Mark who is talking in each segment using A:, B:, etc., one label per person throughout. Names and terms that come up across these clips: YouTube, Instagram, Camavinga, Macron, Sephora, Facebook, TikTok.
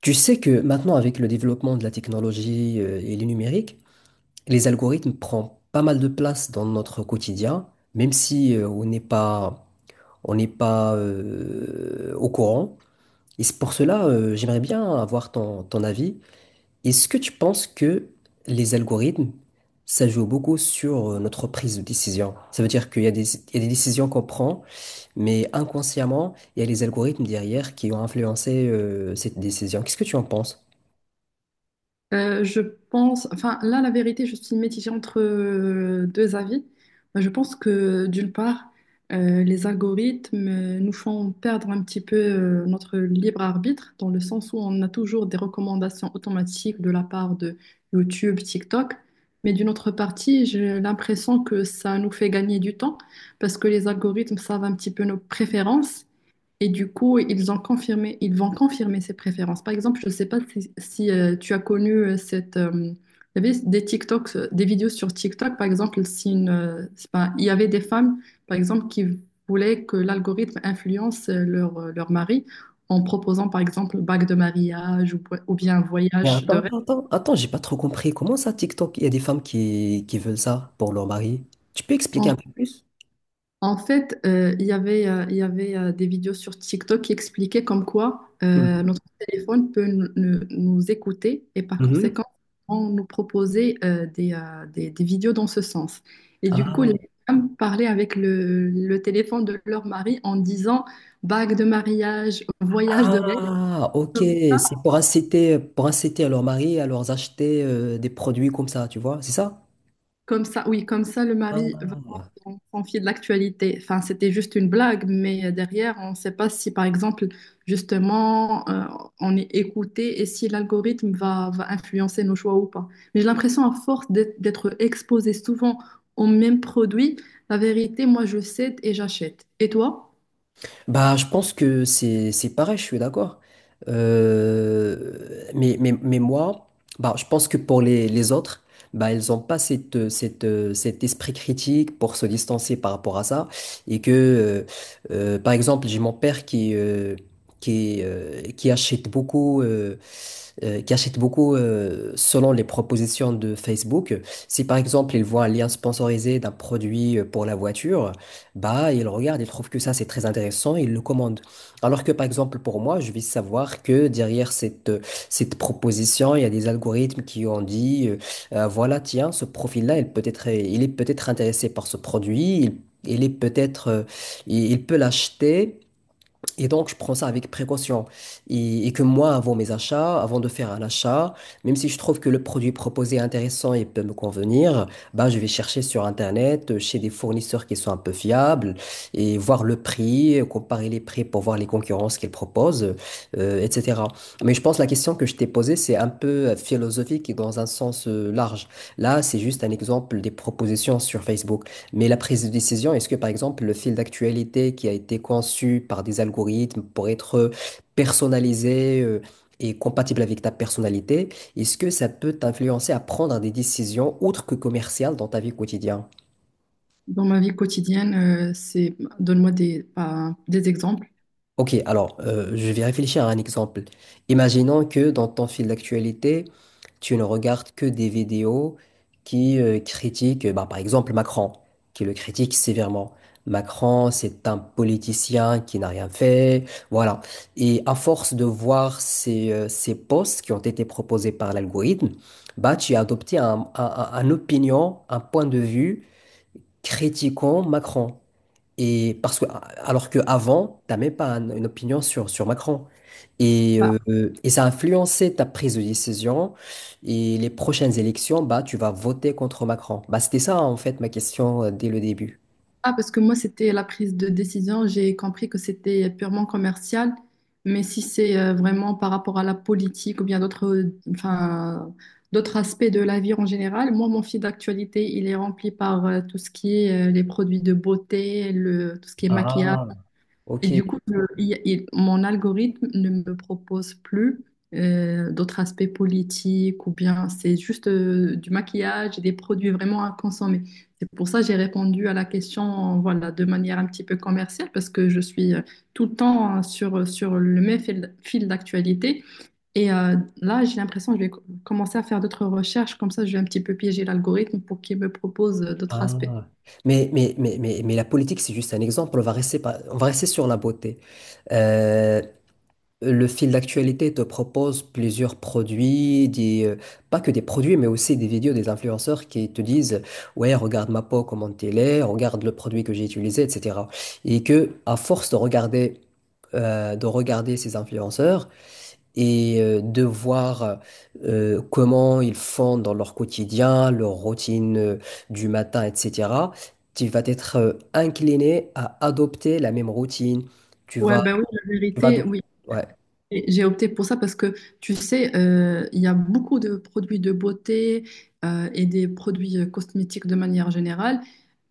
A: Tu sais que maintenant, avec le développement de la technologie et le numérique, les algorithmes prennent pas mal de place dans notre quotidien, même si on n'est pas, on n'est pas au courant. Et c'est pour cela, j'aimerais bien avoir ton avis. Est-ce que tu penses que les algorithmes, ça joue beaucoup sur notre prise de décision? Ça veut dire qu'il y a il y a des décisions qu'on prend, mais inconsciemment, il y a les algorithmes derrière qui ont influencé cette décision. Qu'est-ce que tu en penses?
B: Je pense, enfin là, la vérité, je suis mitigée entre deux avis. Moi, je pense que d'une part, les algorithmes nous font perdre un petit peu notre libre arbitre, dans le sens où on a toujours des recommandations automatiques de la part de YouTube, TikTok. Mais d'une autre partie, j'ai l'impression que ça nous fait gagner du temps, parce que les algorithmes savent un petit peu nos préférences. Et du coup, ils ont confirmé, ils vont confirmer ces préférences. Par exemple, je ne sais pas si tu as connu il y avait des TikToks, des vidéos sur TikTok, par exemple, si une, c'est pas- il y avait des femmes, par exemple, qui voulaient que l'algorithme influence leur, leur mari en proposant, par exemple, bague de mariage ou bien un
A: Mais
B: voyage de
A: attends,
B: rêve.
A: attends, attends, attends, j'ai pas trop compris. Comment ça, TikTok, il y a des femmes qui veulent ça pour leur mari? Tu peux expliquer un peu plus?
B: En fait, il y avait des vidéos sur TikTok qui expliquaient comme quoi
A: Mhm,
B: notre téléphone peut nous écouter et par
A: mhm.
B: conséquent, on nous proposait des vidéos dans ce sens. Et du coup,
A: Ah,
B: les femmes parlaient avec le téléphone de leur mari en disant bague de mariage, voyage de rêve.
A: ah, ok. C'est pour inciter à leur mari à leur acheter des produits comme ça, tu vois, c'est ça?
B: Comme ça, oui, comme ça, le mari va
A: Ah.
B: s'enfier de l'actualité. Enfin, c'était juste une blague, mais derrière, on ne sait pas si, par exemple, justement, on est écouté et si l'algorithme va influencer nos choix ou pas. Mais j'ai l'impression, à force d'être exposé souvent aux mêmes produits, la vérité, moi, je cède et j'achète. Et toi,
A: Bah, je pense que c'est pareil, je suis d'accord. Mais moi, bah, je pense que pour les autres, bah, ils n'ont pas cette, cet esprit critique pour se distancer par rapport à ça. Et que, par exemple, j'ai mon père qui achète beaucoup. Qui achètent beaucoup selon les propositions de Facebook. Si par exemple ils voient un lien sponsorisé d'un produit pour la voiture, bah ils regardent, ils trouvent que ça c'est très intéressant, ils le commandent. Alors que par exemple pour moi, je vais savoir que derrière cette proposition, il y a des algorithmes qui ont dit voilà tiens ce profil-là, il peut être, il est peut-être intéressé par ce produit, il est peut-être, il peut l'acheter. Et donc, je prends ça avec précaution. Et que moi, avant mes achats, avant de faire un achat, même si je trouve que le produit proposé est intéressant et peut me convenir, bah, je vais chercher sur Internet, chez des fournisseurs qui sont un peu fiables, et voir le prix, comparer les prix pour voir les concurrences qu'ils proposent, etc. Mais je pense que la question que je t'ai posée, c'est un peu philosophique et dans un sens large. Là, c'est juste un exemple des propositions sur Facebook. Mais la prise de décision, est-ce que par exemple le fil d'actualité qui a été conçu par des algorithmes pour être personnalisé et compatible avec ta personnalité, est-ce que ça peut t'influencer à prendre des décisions autres que commerciales dans ta vie quotidienne?
B: dans ma vie quotidienne, donne-moi des, bah, des exemples.
A: Ok, alors, je vais réfléchir à un exemple. Imaginons que dans ton fil d'actualité, tu ne regardes que des vidéos qui critiquent, bah, par exemple, Macron, qui le critique sévèrement. Macron, c'est un politicien qui n'a rien fait, voilà. Et à force de voir ces posts qui ont été proposés par l'algorithme, bah, tu as adopté un opinion, un point de vue critiquant Macron. Et parce que, alors qu'avant, tu n'as même pas une opinion sur Macron. Et, euh, et ça a influencé ta prise de décision. Et les prochaines élections, bah, tu vas voter contre Macron. Bah, c'était ça, en fait, ma question dès le début.
B: Ah, parce que moi, c'était la prise de décision. J'ai compris que c'était purement commercial. Mais si c'est vraiment par rapport à la politique ou bien d'autres, enfin, d'autres aspects de la vie en général, moi, mon fil d'actualité, il est rempli par tout ce qui est les produits de beauté, le, tout ce qui est maquillage.
A: Ah, ok.
B: Et du coup, mon algorithme ne me propose plus d'autres aspects politiques ou bien c'est juste du maquillage et des produits vraiment à consommer. C'est pour ça que j'ai répondu à la question voilà, de manière un petit peu commerciale parce que je suis tout le temps hein, sur, sur le même fil d'actualité. Et là, j'ai l'impression que je vais commencer à faire d'autres recherches. Comme ça, je vais un petit peu piéger l'algorithme pour qu'il me propose d'autres aspects.
A: Ah. Mais la politique, c'est juste un exemple. On va rester sur la beauté. Euh, Le fil d'actualité te propose plusieurs produits, pas que des produits, mais aussi des vidéos des influenceurs qui te disent, ouais, regarde ma peau, comment elle est, regarde le produit que j'ai utilisé, etc. Et que, à force de regarder ces influenceurs et de voir comment ils font dans leur quotidien, leur routine du matin, etc., tu vas être incliné à adopter la même routine. Tu
B: Ouais,
A: vas,
B: ben oui, la
A: tu vas
B: vérité,
A: adop-
B: oui.
A: ouais.
B: Et j'ai opté pour ça parce que, tu sais, il y a beaucoup de produits de beauté et des produits cosmétiques de manière générale.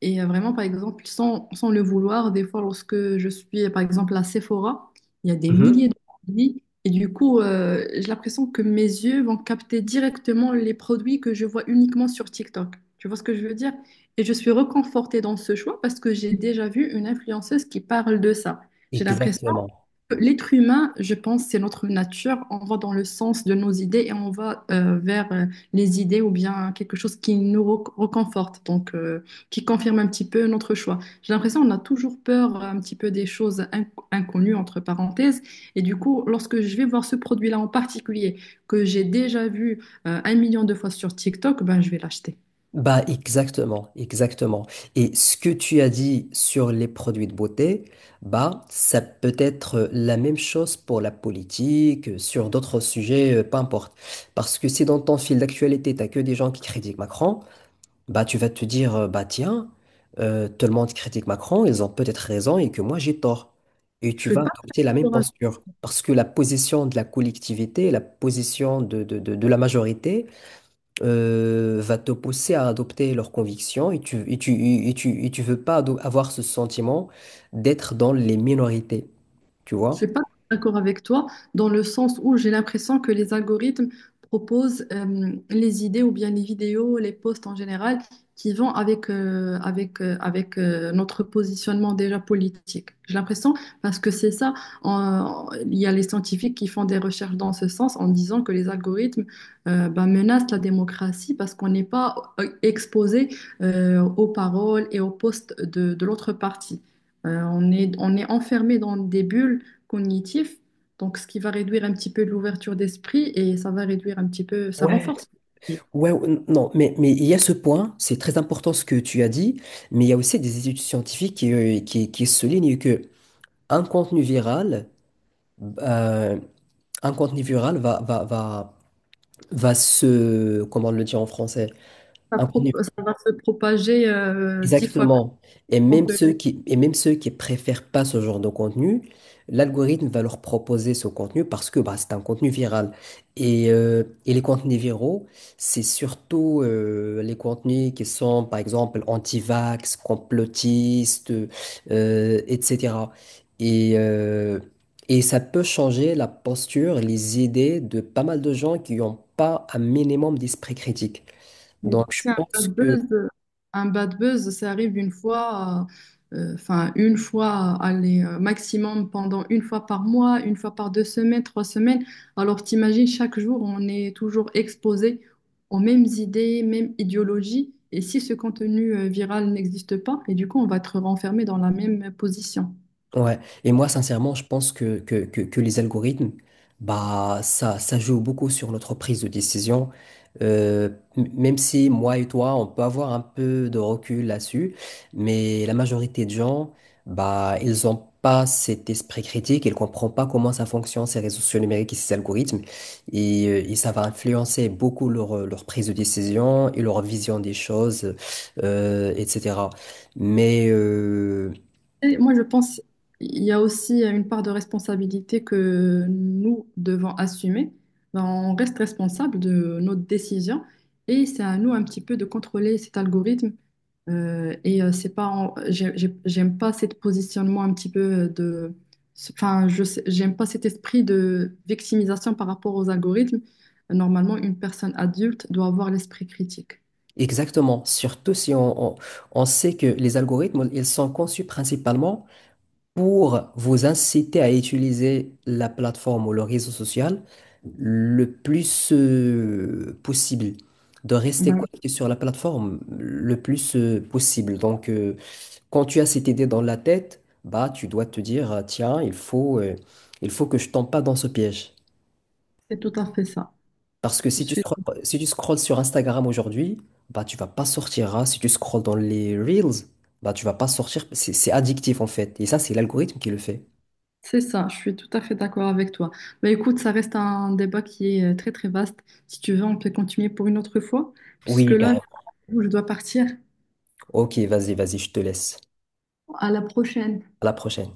B: Et vraiment, par exemple, sans le vouloir, des fois, lorsque je suis, par exemple, à Sephora, il y a des milliers de produits. Et du coup, j'ai l'impression que mes yeux vont capter directement les produits que je vois uniquement sur TikTok. Tu vois ce que je veux dire? Et je suis reconfortée dans ce choix parce que j'ai déjà vu une influenceuse qui parle de ça. J'ai l'impression
A: Exactement.
B: l'être humain, je pense, c'est notre nature. On va dans le sens de nos idées et on va vers les idées ou bien quelque chose qui nous reconforte, donc qui confirme un petit peu notre choix. J'ai l'impression qu'on a toujours peur un petit peu des choses inconnues, entre parenthèses. Et du coup, lorsque je vais voir ce produit-là en particulier, que j'ai déjà vu 1 million de fois sur TikTok, ben, je vais l'acheter.
A: Bah, exactement, exactement. Et ce que tu as dit sur les produits de beauté, bah, ça peut être la même chose pour la politique, sur d'autres sujets, peu importe. Parce que si dans ton fil d'actualité, t'as que des gens qui critiquent Macron, bah, tu vas te dire, bah, tiens, tout le monde critique Macron, ils ont peut-être raison et que moi, j'ai tort. Et tu
B: Je ne
A: vas
B: suis pas très
A: adopter la même
B: d'accord.
A: posture. Parce que la position de la collectivité, la position de de la majorité, va te pousser à adopter leurs convictions et tu veux pas ado- avoir ce sentiment d'être dans les minorités, tu
B: Je
A: vois?
B: suis pas d'accord avec toi dans le sens où j'ai l'impression que les algorithmes proposent les idées ou bien les vidéos, les posts en général qui vont avec, avec notre positionnement déjà politique. J'ai l'impression parce que c'est ça, il y a les scientifiques qui font des recherches dans ce sens en disant que les algorithmes ben, menacent la démocratie parce qu'on n'est pas exposé aux paroles et aux posts de l'autre partie. On est enfermé dans des bulles cognitif, donc ce qui va réduire un petit peu l'ouverture d'esprit et ça va réduire un petit peu, ça
A: Ouais.
B: renforce.
A: Non, mais il y a ce point, c'est très important ce que tu as dit, mais il y a aussi des études scientifiques qui soulignent que un contenu viral, euh, un contenu viral va se, comment le dire en français?
B: Ça va se propager 10 fois
A: Exactement. Et même
B: plus.
A: et même ceux qui préfèrent pas ce genre de contenu, l'algorithme va leur proposer ce contenu parce que bah, c'est un contenu viral. Et les contenus viraux, c'est surtout les contenus qui sont, par exemple, anti-vax, complotistes, etc. Et, euh, et ça peut changer la posture, les idées de pas mal de gens qui n'ont pas un minimum d'esprit critique.
B: Mais
A: Donc, je
B: c'est
A: pense que
B: un bad buzz, ça arrive une fois, enfin une fois, allez, maximum pendant une fois par mois, une fois par 2 semaines, 3 semaines. Alors t'imagines, chaque jour, on est toujours exposé aux mêmes idées, mêmes idéologies. Et si ce contenu viral n'existe pas, et du coup, on va être renfermé dans la même position.
A: ouais, et moi sincèrement, je pense que les algorithmes, bah ça joue beaucoup sur notre prise de décision. Euh, Même si moi et toi, on peut avoir un peu de recul là-dessus, mais la majorité de gens, bah ils ont pas cet esprit critique, ils comprennent pas comment ça fonctionne ces réseaux sociaux numériques et ces algorithmes, et ça va influencer beaucoup leur prise de décision et leur vision des choses, etc. Mais
B: Et moi, je pense il y a aussi une part de responsabilité que nous devons assumer. Ben, on reste responsable de notre décision et c'est à nous un petit peu de contrôler cet algorithme. C'est pas, j'aime pas ce positionnement un petit peu de, enfin, j'aime pas cet esprit de victimisation par rapport aux algorithmes. Normalement, une personne adulte doit avoir l'esprit critique.
A: exactement, surtout si on sait que les algorithmes, ils sont conçus principalement pour vous inciter à utiliser la plateforme ou le réseau social le plus possible, de rester
B: Ben,
A: connecté sur la plateforme le plus possible. Donc, quand tu as cette idée dans la tête, bah, tu dois te dire, tiens, il faut que je tombe pas dans ce piège.
B: c'est tout à fait ça.
A: Parce que
B: Je
A: si tu
B: suis
A: scrolles, si tu scrolles sur Instagram aujourd'hui, bah tu vas pas sortir, hein. Si tu scrolles dans les Reels, bah tu vas pas sortir. C'est addictif en fait. Et ça, c'est l'algorithme qui le fait.
B: c'est ça, je suis tout à fait d'accord avec toi. Bah écoute, ça reste un débat qui est très très vaste. Si tu veux, on peut continuer pour une autre fois, puisque
A: Oui,
B: là,
A: carrément.
B: je dois partir.
A: Ok, vas-y, je te laisse.
B: À la prochaine.
A: À la prochaine.